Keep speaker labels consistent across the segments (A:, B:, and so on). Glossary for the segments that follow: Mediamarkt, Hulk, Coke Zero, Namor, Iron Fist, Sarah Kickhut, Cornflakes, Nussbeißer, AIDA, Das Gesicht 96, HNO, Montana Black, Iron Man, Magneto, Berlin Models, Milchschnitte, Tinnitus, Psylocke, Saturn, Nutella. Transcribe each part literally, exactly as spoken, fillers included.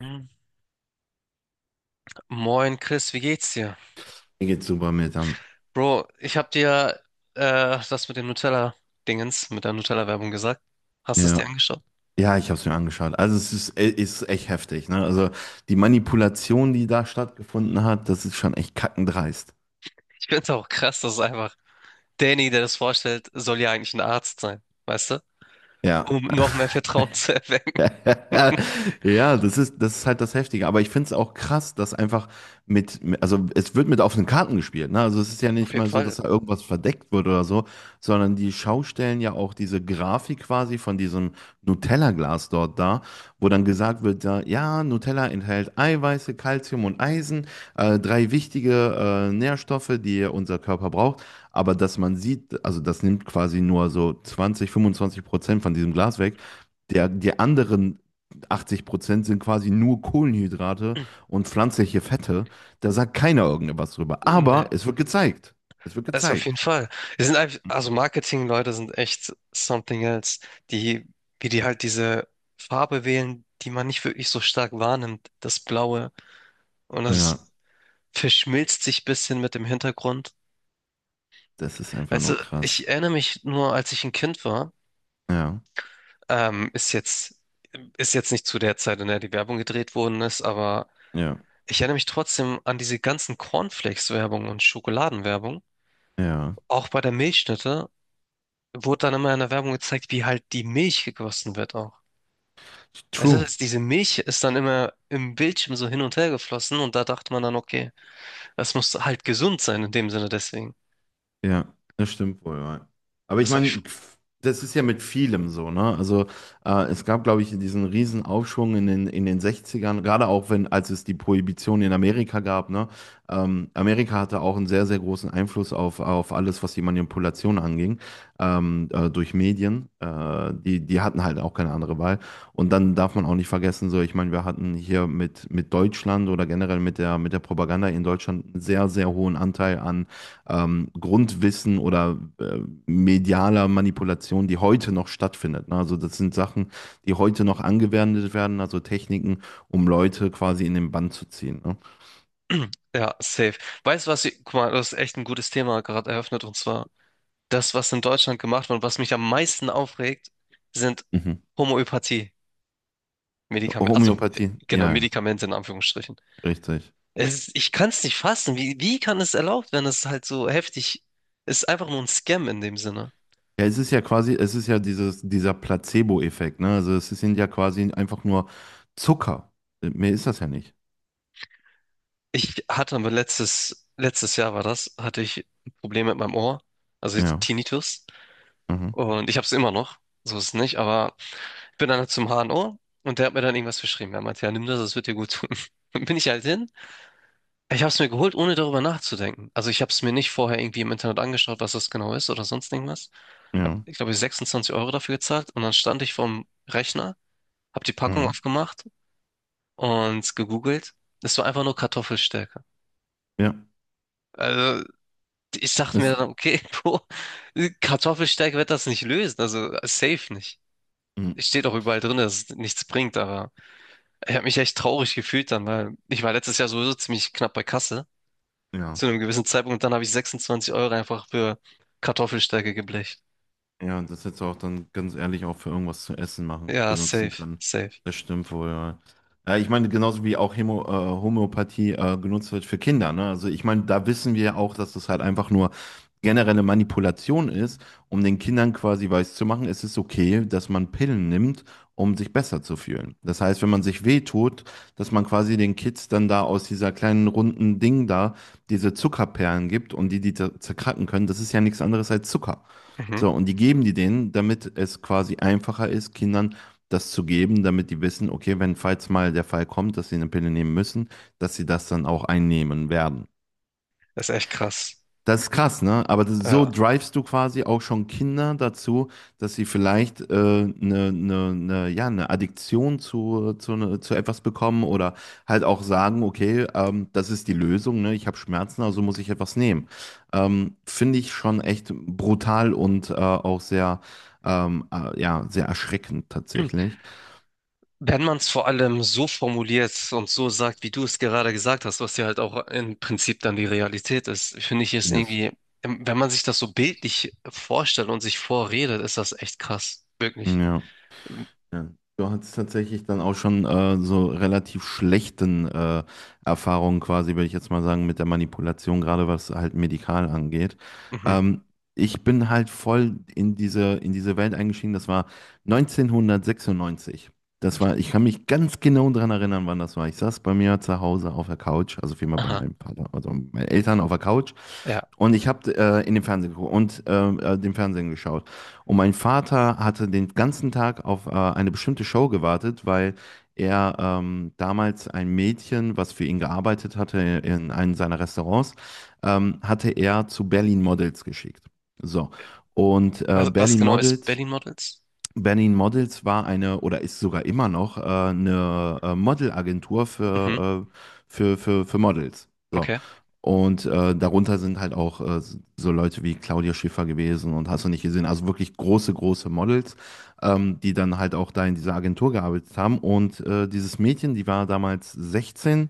A: Hm. Moin Chris, wie geht's dir?
B: Mir geht's super mit an.
A: Bro, ich hab dir äh, das mit dem Nutella-Dingens, mit der Nutella-Werbung gesagt. Hast du es dir
B: Ja.
A: angeschaut?
B: Ja, ich habe es mir angeschaut. Also es ist, e- ist echt heftig, ne? Also die Manipulation, die da stattgefunden hat, das ist schon echt kackendreist.
A: Ich find's auch krass, dass einfach Danny, der das vorstellt, soll ja eigentlich ein Arzt sein, weißt du?
B: Ja.
A: Um noch mehr Vertrauen zu erwecken.
B: Ja, das ist, das ist halt das Heftige. Aber ich finde es auch krass, dass einfach mit, also es wird mit offenen Karten gespielt, ne? Also es ist ja
A: Auf
B: nicht
A: jeden
B: mal so,
A: Fall.
B: dass da irgendwas verdeckt wird oder so, sondern die schaustellen ja auch diese Grafik quasi von diesem Nutella-Glas dort da, wo dann gesagt wird, ja, ja, Nutella enthält Eiweiße, Kalzium und Eisen, äh, drei wichtige äh, Nährstoffe, die unser Körper braucht. Aber dass man sieht, also das nimmt quasi nur so zwanzig, fünfundzwanzig Prozent von diesem Glas weg. Der, die anderen achtzig Prozent sind quasi nur Kohlenhydrate und pflanzliche Fette. Da sagt keiner irgendwas drüber. Aber
A: Nee,
B: es wird gezeigt. Es wird
A: also auf jeden
B: gezeigt.
A: Fall. Wir sind einfach, also Marketing-Leute sind echt something else. Die, wie die halt diese Farbe wählen, die man nicht wirklich so stark wahrnimmt, das Blaue. Und
B: Ja,
A: das verschmilzt sich ein bisschen mit dem Hintergrund.
B: das ist einfach
A: Weißt du,
B: nur krass.
A: ich erinnere mich nur, als ich ein Kind war,
B: Ja,
A: ähm, ist jetzt, ist jetzt nicht zu der Zeit, in der die Werbung gedreht worden ist, aber
B: ja,
A: ich erinnere mich trotzdem an diese ganzen Cornflakes-Werbung und Schokoladenwerbung.
B: ja.
A: Auch bei der Milchschnitte wurde dann immer in der Werbung gezeigt, wie halt die Milch gegossen wird auch. Also
B: True.
A: das, ist, diese Milch ist dann immer im Bildschirm so hin und her geflossen und da dachte man dann, okay, das muss halt gesund sein in dem Sinne deswegen.
B: Ja, das stimmt wohl, ja. Aber ich
A: Das habe
B: meine, das ist ja mit vielem so, ne? Also äh, es gab, glaube ich, diesen riesen Aufschwung in den, in den sechzigern, gerade auch wenn, als es die Prohibition in Amerika gab, ne? Ähm, Amerika hatte auch einen sehr, sehr großen Einfluss auf, auf alles, was die Manipulation anging, ähm, äh, durch Medien. Äh, die, die hatten halt auch keine andere Wahl. Und dann darf man auch nicht vergessen, so, ich meine, wir hatten hier mit, mit Deutschland oder generell mit der, mit der Propaganda in Deutschland einen sehr, sehr hohen Anteil an ähm, Grundwissen oder äh, medialer Manipulation, die heute noch stattfindet. Ne? Also das sind Sachen, die heute noch angewendet werden, also Techniken, um Leute quasi in den Bann zu ziehen. Ne?
A: Ja, safe. Weißt du was, ich- guck mal, das ist echt ein gutes Thema gerade eröffnet und zwar das, was in Deutschland gemacht wird und was mich am meisten aufregt, sind
B: Mhm.
A: Homöopathie-Medikamente, also äh,
B: Homöopathie,
A: genau,
B: ja, ja,
A: Medikamente in Anführungsstrichen.
B: richtig.
A: Es ist, ich kann es nicht fassen. Wie, wie kann es erlaubt werden, es ist halt so heftig. Es ist einfach nur ein Scam in dem Sinne.
B: Ja, es ist ja quasi, es ist ja dieses, dieser Placebo-Effekt, ne? Also es sind ja quasi einfach nur Zucker. Mehr ist das ja nicht.
A: Ich hatte aber letztes, letztes Jahr war das, hatte ich ein Problem mit meinem Ohr, also
B: Ja.
A: Tinnitus,
B: Mhm.
A: und ich habe es immer noch, so ist es nicht, aber bin dann halt zum H N O und O und der hat mir dann irgendwas verschrieben. Er meinte, ja, nimm das, das wird dir gut tun. Dann bin ich halt hin. Ich habe es mir geholt, ohne darüber nachzudenken. Also ich habe es mir nicht vorher irgendwie im Internet angeschaut, was das genau ist oder sonst irgendwas. Ich habe,
B: Ja.
A: ich glaube, sechsundzwanzig Euro dafür gezahlt und dann stand ich vorm Rechner, habe die Packung
B: Mhm.
A: aufgemacht und gegoogelt. Es war einfach nur Kartoffelstärke.
B: Ja.
A: Also ich dachte
B: Das,
A: mir dann, okay, Bro, Kartoffelstärke wird das nicht lösen, also safe nicht.
B: mhm.
A: Steht auch überall drin, dass es nichts bringt, aber ich habe mich echt traurig gefühlt dann, weil ich war letztes Jahr sowieso ziemlich knapp bei Kasse
B: Ja.
A: zu einem gewissen Zeitpunkt, und dann habe ich sechsundzwanzig Euro einfach für Kartoffelstärke geblecht.
B: Ja, und das hättest du auch dann ganz ehrlich auch für irgendwas zu essen machen,
A: Ja,
B: benutzen
A: safe,
B: können.
A: safe.
B: Das stimmt wohl, ja. Ja, ich meine, genauso wie auch Hämo, äh, Homöopathie äh, genutzt wird für Kinder, ne? Also ich meine, da wissen wir auch, dass das halt einfach nur generelle Manipulation ist, um den Kindern quasi weiszumachen, es ist okay, dass man Pillen nimmt, um sich besser zu fühlen. Das heißt, wenn man sich wehtut, dass man quasi den Kids dann da aus dieser kleinen runden Ding da diese Zuckerperlen gibt und die die zer- zerkracken können, das ist ja nichts anderes als Zucker.
A: Mhm.
B: So, und die geben die denen, damit es quasi einfacher ist, Kindern das zu geben, damit die wissen, okay, wenn falls mal der Fall kommt, dass sie eine Pille nehmen müssen, dass sie das dann auch einnehmen werden.
A: Das ist echt krass.
B: Das ist krass, ne? Aber das, so
A: Ja.
B: drivest du quasi auch schon Kinder dazu, dass sie vielleicht äh, eine, ne, ne, ja, eine Addiktion zu, zu, ne, zu etwas bekommen oder halt auch sagen, okay, ähm, das ist die Lösung, ne? Ich habe Schmerzen, also muss ich etwas nehmen. Ähm, finde ich schon echt brutal und äh, auch sehr, ähm, äh, ja, sehr erschreckend tatsächlich.
A: Wenn man es vor allem so formuliert und so sagt, wie du es gerade gesagt hast, was ja halt auch im Prinzip dann die Realität ist, finde ich es
B: Yes.
A: irgendwie, wenn man sich das so bildlich vorstellt und sich vorredet, ist das echt krass. Wirklich.
B: Ja. Ja. Du hattest tatsächlich dann auch schon äh, so relativ schlechten äh, Erfahrungen quasi, würde ich jetzt mal sagen, mit der Manipulation, gerade was halt medikal angeht.
A: Mhm.
B: Ähm, Ich bin halt voll in diese, in diese Welt eingestiegen. Das war neunzehnhundertsechsundneunzig. Das war, ich kann mich ganz genau daran erinnern, wann das war. Ich saß bei mir zu Hause auf der Couch, also vielmehr bei
A: Aha.
B: meinem Vater, also meinen Eltern auf der Couch.
A: Ja.
B: Und ich habe äh, in den Fernsehen geguckt und äh, äh, den Fernsehen geschaut. Und mein Vater hatte den ganzen Tag auf äh, eine bestimmte Show gewartet, weil er ähm, damals ein Mädchen, was für ihn gearbeitet hatte in einem seiner Restaurants, ähm, hatte er zu Berlin Models geschickt. So. Und äh,
A: Was, was
B: Berlin
A: genau ist
B: Models
A: Berlin Models?
B: Berlin Models war eine oder ist sogar immer noch äh, eine äh, Modelagentur
A: Mhm.
B: für, äh, für, für, für Models. So.
A: Okay.
B: Und äh, darunter sind halt auch äh, so Leute wie Claudia Schiffer gewesen und hast du nicht gesehen. Also wirklich große, große Models, ähm, die dann halt auch da in dieser Agentur gearbeitet haben. Und äh, dieses Mädchen, die war damals sechzehn,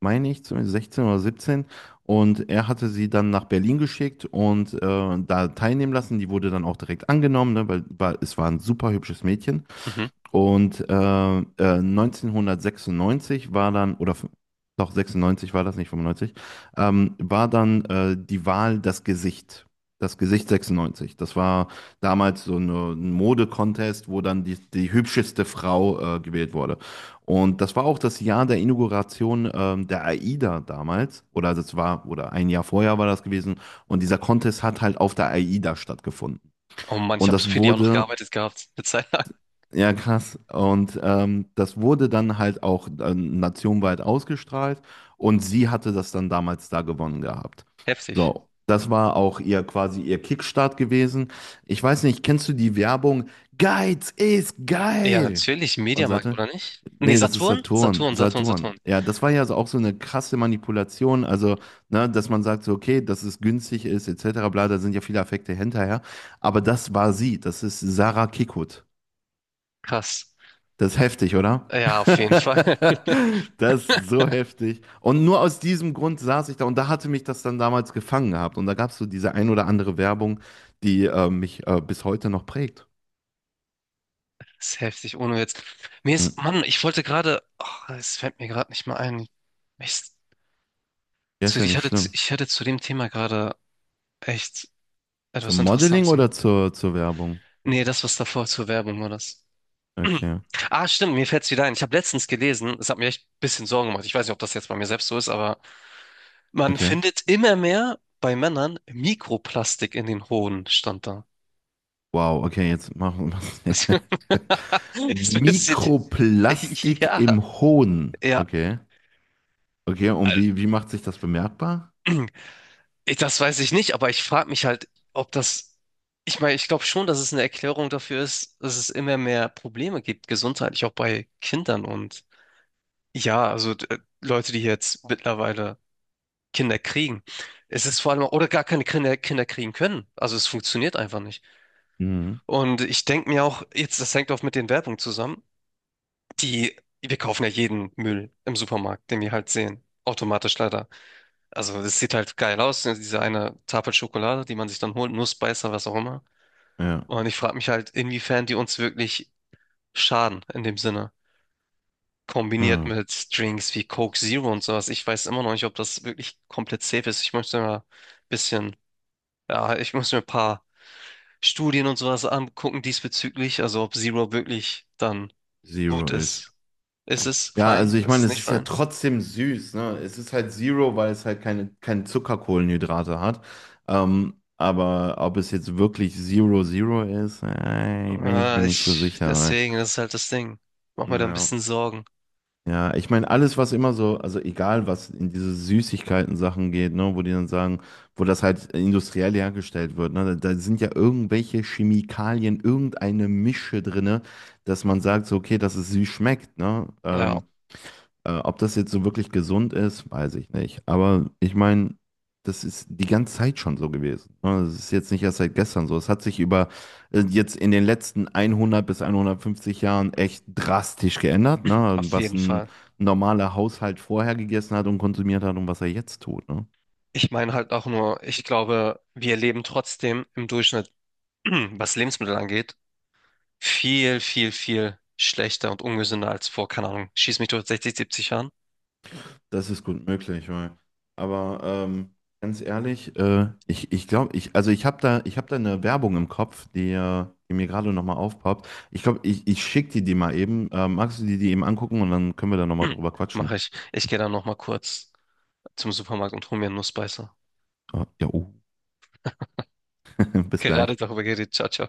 B: meine ich zumindest, sechzehn oder siebzehn, und er hatte sie dann nach Berlin geschickt und äh, da teilnehmen lassen. Die wurde dann auch direkt angenommen, ne, weil, weil es war ein super hübsches Mädchen.
A: Mhm.
B: Und äh, äh, neunzehnhundertsechsundneunzig war dann, oder f- doch sechsundneunzig war das, nicht fünfundneunzig, ähm, war dann äh, die Wahl das Gesicht. Das Gesicht sechsundneunzig. Das war damals so eine, ein Mode-Contest, wo dann die, die hübscheste Frau äh, gewählt wurde. Und das war auch das Jahr der Inauguration ähm, der AIDA damals. Oder das war, oder ein Jahr vorher war das gewesen. Und dieser Contest hat halt auf der AIDA stattgefunden.
A: Oh Mann, ich
B: Und
A: habe
B: das
A: für die auch noch
B: wurde
A: gearbeitet gehabt. Eine Zeit lang.
B: ja, krass. Und ähm, das wurde dann halt auch äh, nationweit ausgestrahlt und sie hatte das dann damals da gewonnen gehabt.
A: Heftig.
B: So, das war auch ihr quasi ihr Kickstart gewesen. Ich weiß nicht, kennst du die Werbung? Geiz ist
A: Ja,
B: geil!
A: natürlich.
B: Und
A: Mediamarkt,
B: sagte,
A: oder nicht? Nee,
B: nee, das ist
A: Saturn?
B: Saturn,
A: Saturn, Saturn,
B: Saturn.
A: Saturn.
B: Ja, das war ja so auch so eine krasse Manipulation, also, ne, dass man sagt so, okay, dass es günstig ist, et cetera, bla, da sind ja viele Affekte hinterher. Aber das war sie, das ist Sarah Kickhut.
A: Krass.
B: Das ist heftig, oder?
A: Ja, auf jeden Fall.
B: Das ist so heftig. Und nur aus diesem Grund saß ich da und da hatte mich das dann damals gefangen gehabt. Und da gab es so diese ein oder andere Werbung, die äh, mich äh, bis heute noch prägt.
A: Das ist heftig, ohne jetzt. Mir
B: Hm.
A: ist, Mann, ich wollte gerade. Oh, es fällt mir gerade nicht mal ein. Ich,
B: Ja, ist
A: zu,
B: ja
A: ich
B: nicht
A: hatte, zu-
B: schlimm.
A: ich hatte zu dem Thema gerade echt etwas
B: Zum Modeling
A: Interessantes im
B: oder
A: Kopf.
B: zur, zur Werbung?
A: Nee, das, was davor zur Werbung war, das.
B: Okay,
A: Ah, stimmt, mir fällt's wieder ein. Ich habe letztens gelesen, es hat mir echt ein bisschen Sorgen gemacht. Ich weiß nicht, ob das jetzt bei mir selbst so ist, aber man
B: okay.
A: findet immer mehr bei Männern Mikroplastik in den Hoden, stand da.
B: Wow, okay, jetzt machen wir
A: Das ist ein bisschen,
B: Mikroplastik
A: ja,
B: im Hohn.
A: ja.
B: Okay, okay. Und wie, wie macht sich das bemerkbar?
A: Ich- Das weiß ich nicht, aber ich frage mich halt, ob das, ich meine, ich glaube schon, dass es eine Erklärung dafür ist, dass es immer mehr Probleme gibt, gesundheitlich auch bei Kindern und ja, also d- Leute, die jetzt mittlerweile Kinder kriegen. Es ist vor allem, oder gar keine Kinder, Kinder kriegen können. Also es funktioniert einfach nicht.
B: Mhm.
A: Und ich denke mir auch, jetzt, das hängt auch mit den Werbungen zusammen. Die, Wir kaufen ja jeden Müll im Supermarkt, den wir halt sehen. Automatisch leider. Also es sieht halt geil aus, ne, diese eine Tafel Schokolade, die man sich dann holt, Nussbeißer, was auch immer.
B: Ja.
A: Und ich frage mich halt, inwiefern die uns wirklich schaden in dem Sinne. Kombiniert
B: Ah.
A: mit Drinks wie Coke Zero und sowas. Ich weiß immer noch nicht, ob das wirklich komplett safe ist. Ich möchte mal ein bisschen, ja, ich muss mir ein paar Studien und sowas angucken diesbezüglich. Also ob Zero wirklich dann gut
B: Zero ist.
A: ist. Ist es
B: Ja,
A: fein?
B: also ich
A: Ist
B: meine,
A: es
B: es
A: nicht
B: ist ja
A: fein?
B: trotzdem süß, ne? Es ist halt Zero, weil es halt keine, keine Zuckerkohlenhydrate hat. Ähm, aber ob es jetzt wirklich Zero Zero ist, äh, bin ich
A: Ah,
B: mir nicht so
A: ich,
B: sicher.
A: deswegen, das ist halt das Ding. Mach mir da ein
B: Ja.
A: bisschen Sorgen.
B: Ja, ich meine, alles, was immer so, also egal, was in diese Süßigkeiten-Sachen geht, ne, wo die dann sagen, wo das halt industriell hergestellt wird, ne, da, da sind ja irgendwelche Chemikalien, irgendeine Mische drinne, dass man sagt, so, okay, dass es süß schmeckt, ne?
A: Ja,
B: Ähm, äh, ob das jetzt so wirklich gesund ist, weiß ich nicht. Aber ich meine, das ist die ganze Zeit schon so gewesen. Ne? Das ist jetzt nicht erst seit gestern so. Es hat sich über äh, jetzt in den letzten hundert bis hundertfünfzig Jahren echt drastisch geändert, ne?
A: auf
B: Was
A: jeden
B: ein
A: Fall.
B: normaler Haushalt vorher gegessen hat und konsumiert hat und was er jetzt tut, ne?
A: Ich meine halt auch nur, ich glaube, wir leben trotzdem im Durchschnitt, was Lebensmittel angeht, viel, viel, viel schlechter und ungesünder als vor, keine Ahnung, schieß mich, durch sechzig siebzig Jahren.
B: Das ist gut möglich, weil, aber ähm, ganz ehrlich, äh, ich, ich glaube, ich, also ich habe da, ich hab da eine Werbung im Kopf, die, äh, die mir gerade nochmal aufpoppt. Ich glaube, ich, ich schicke dir die mal eben. Äh, magst du dir die eben angucken und dann können wir da nochmal drüber quatschen?
A: Mache ich. Ich gehe dann nochmal kurz zum Supermarkt und hole mir einen Nussbeißer.
B: Ah, ja, oh. Bis
A: Gerade
B: gleich.
A: darüber geredet. Ciao, ciao.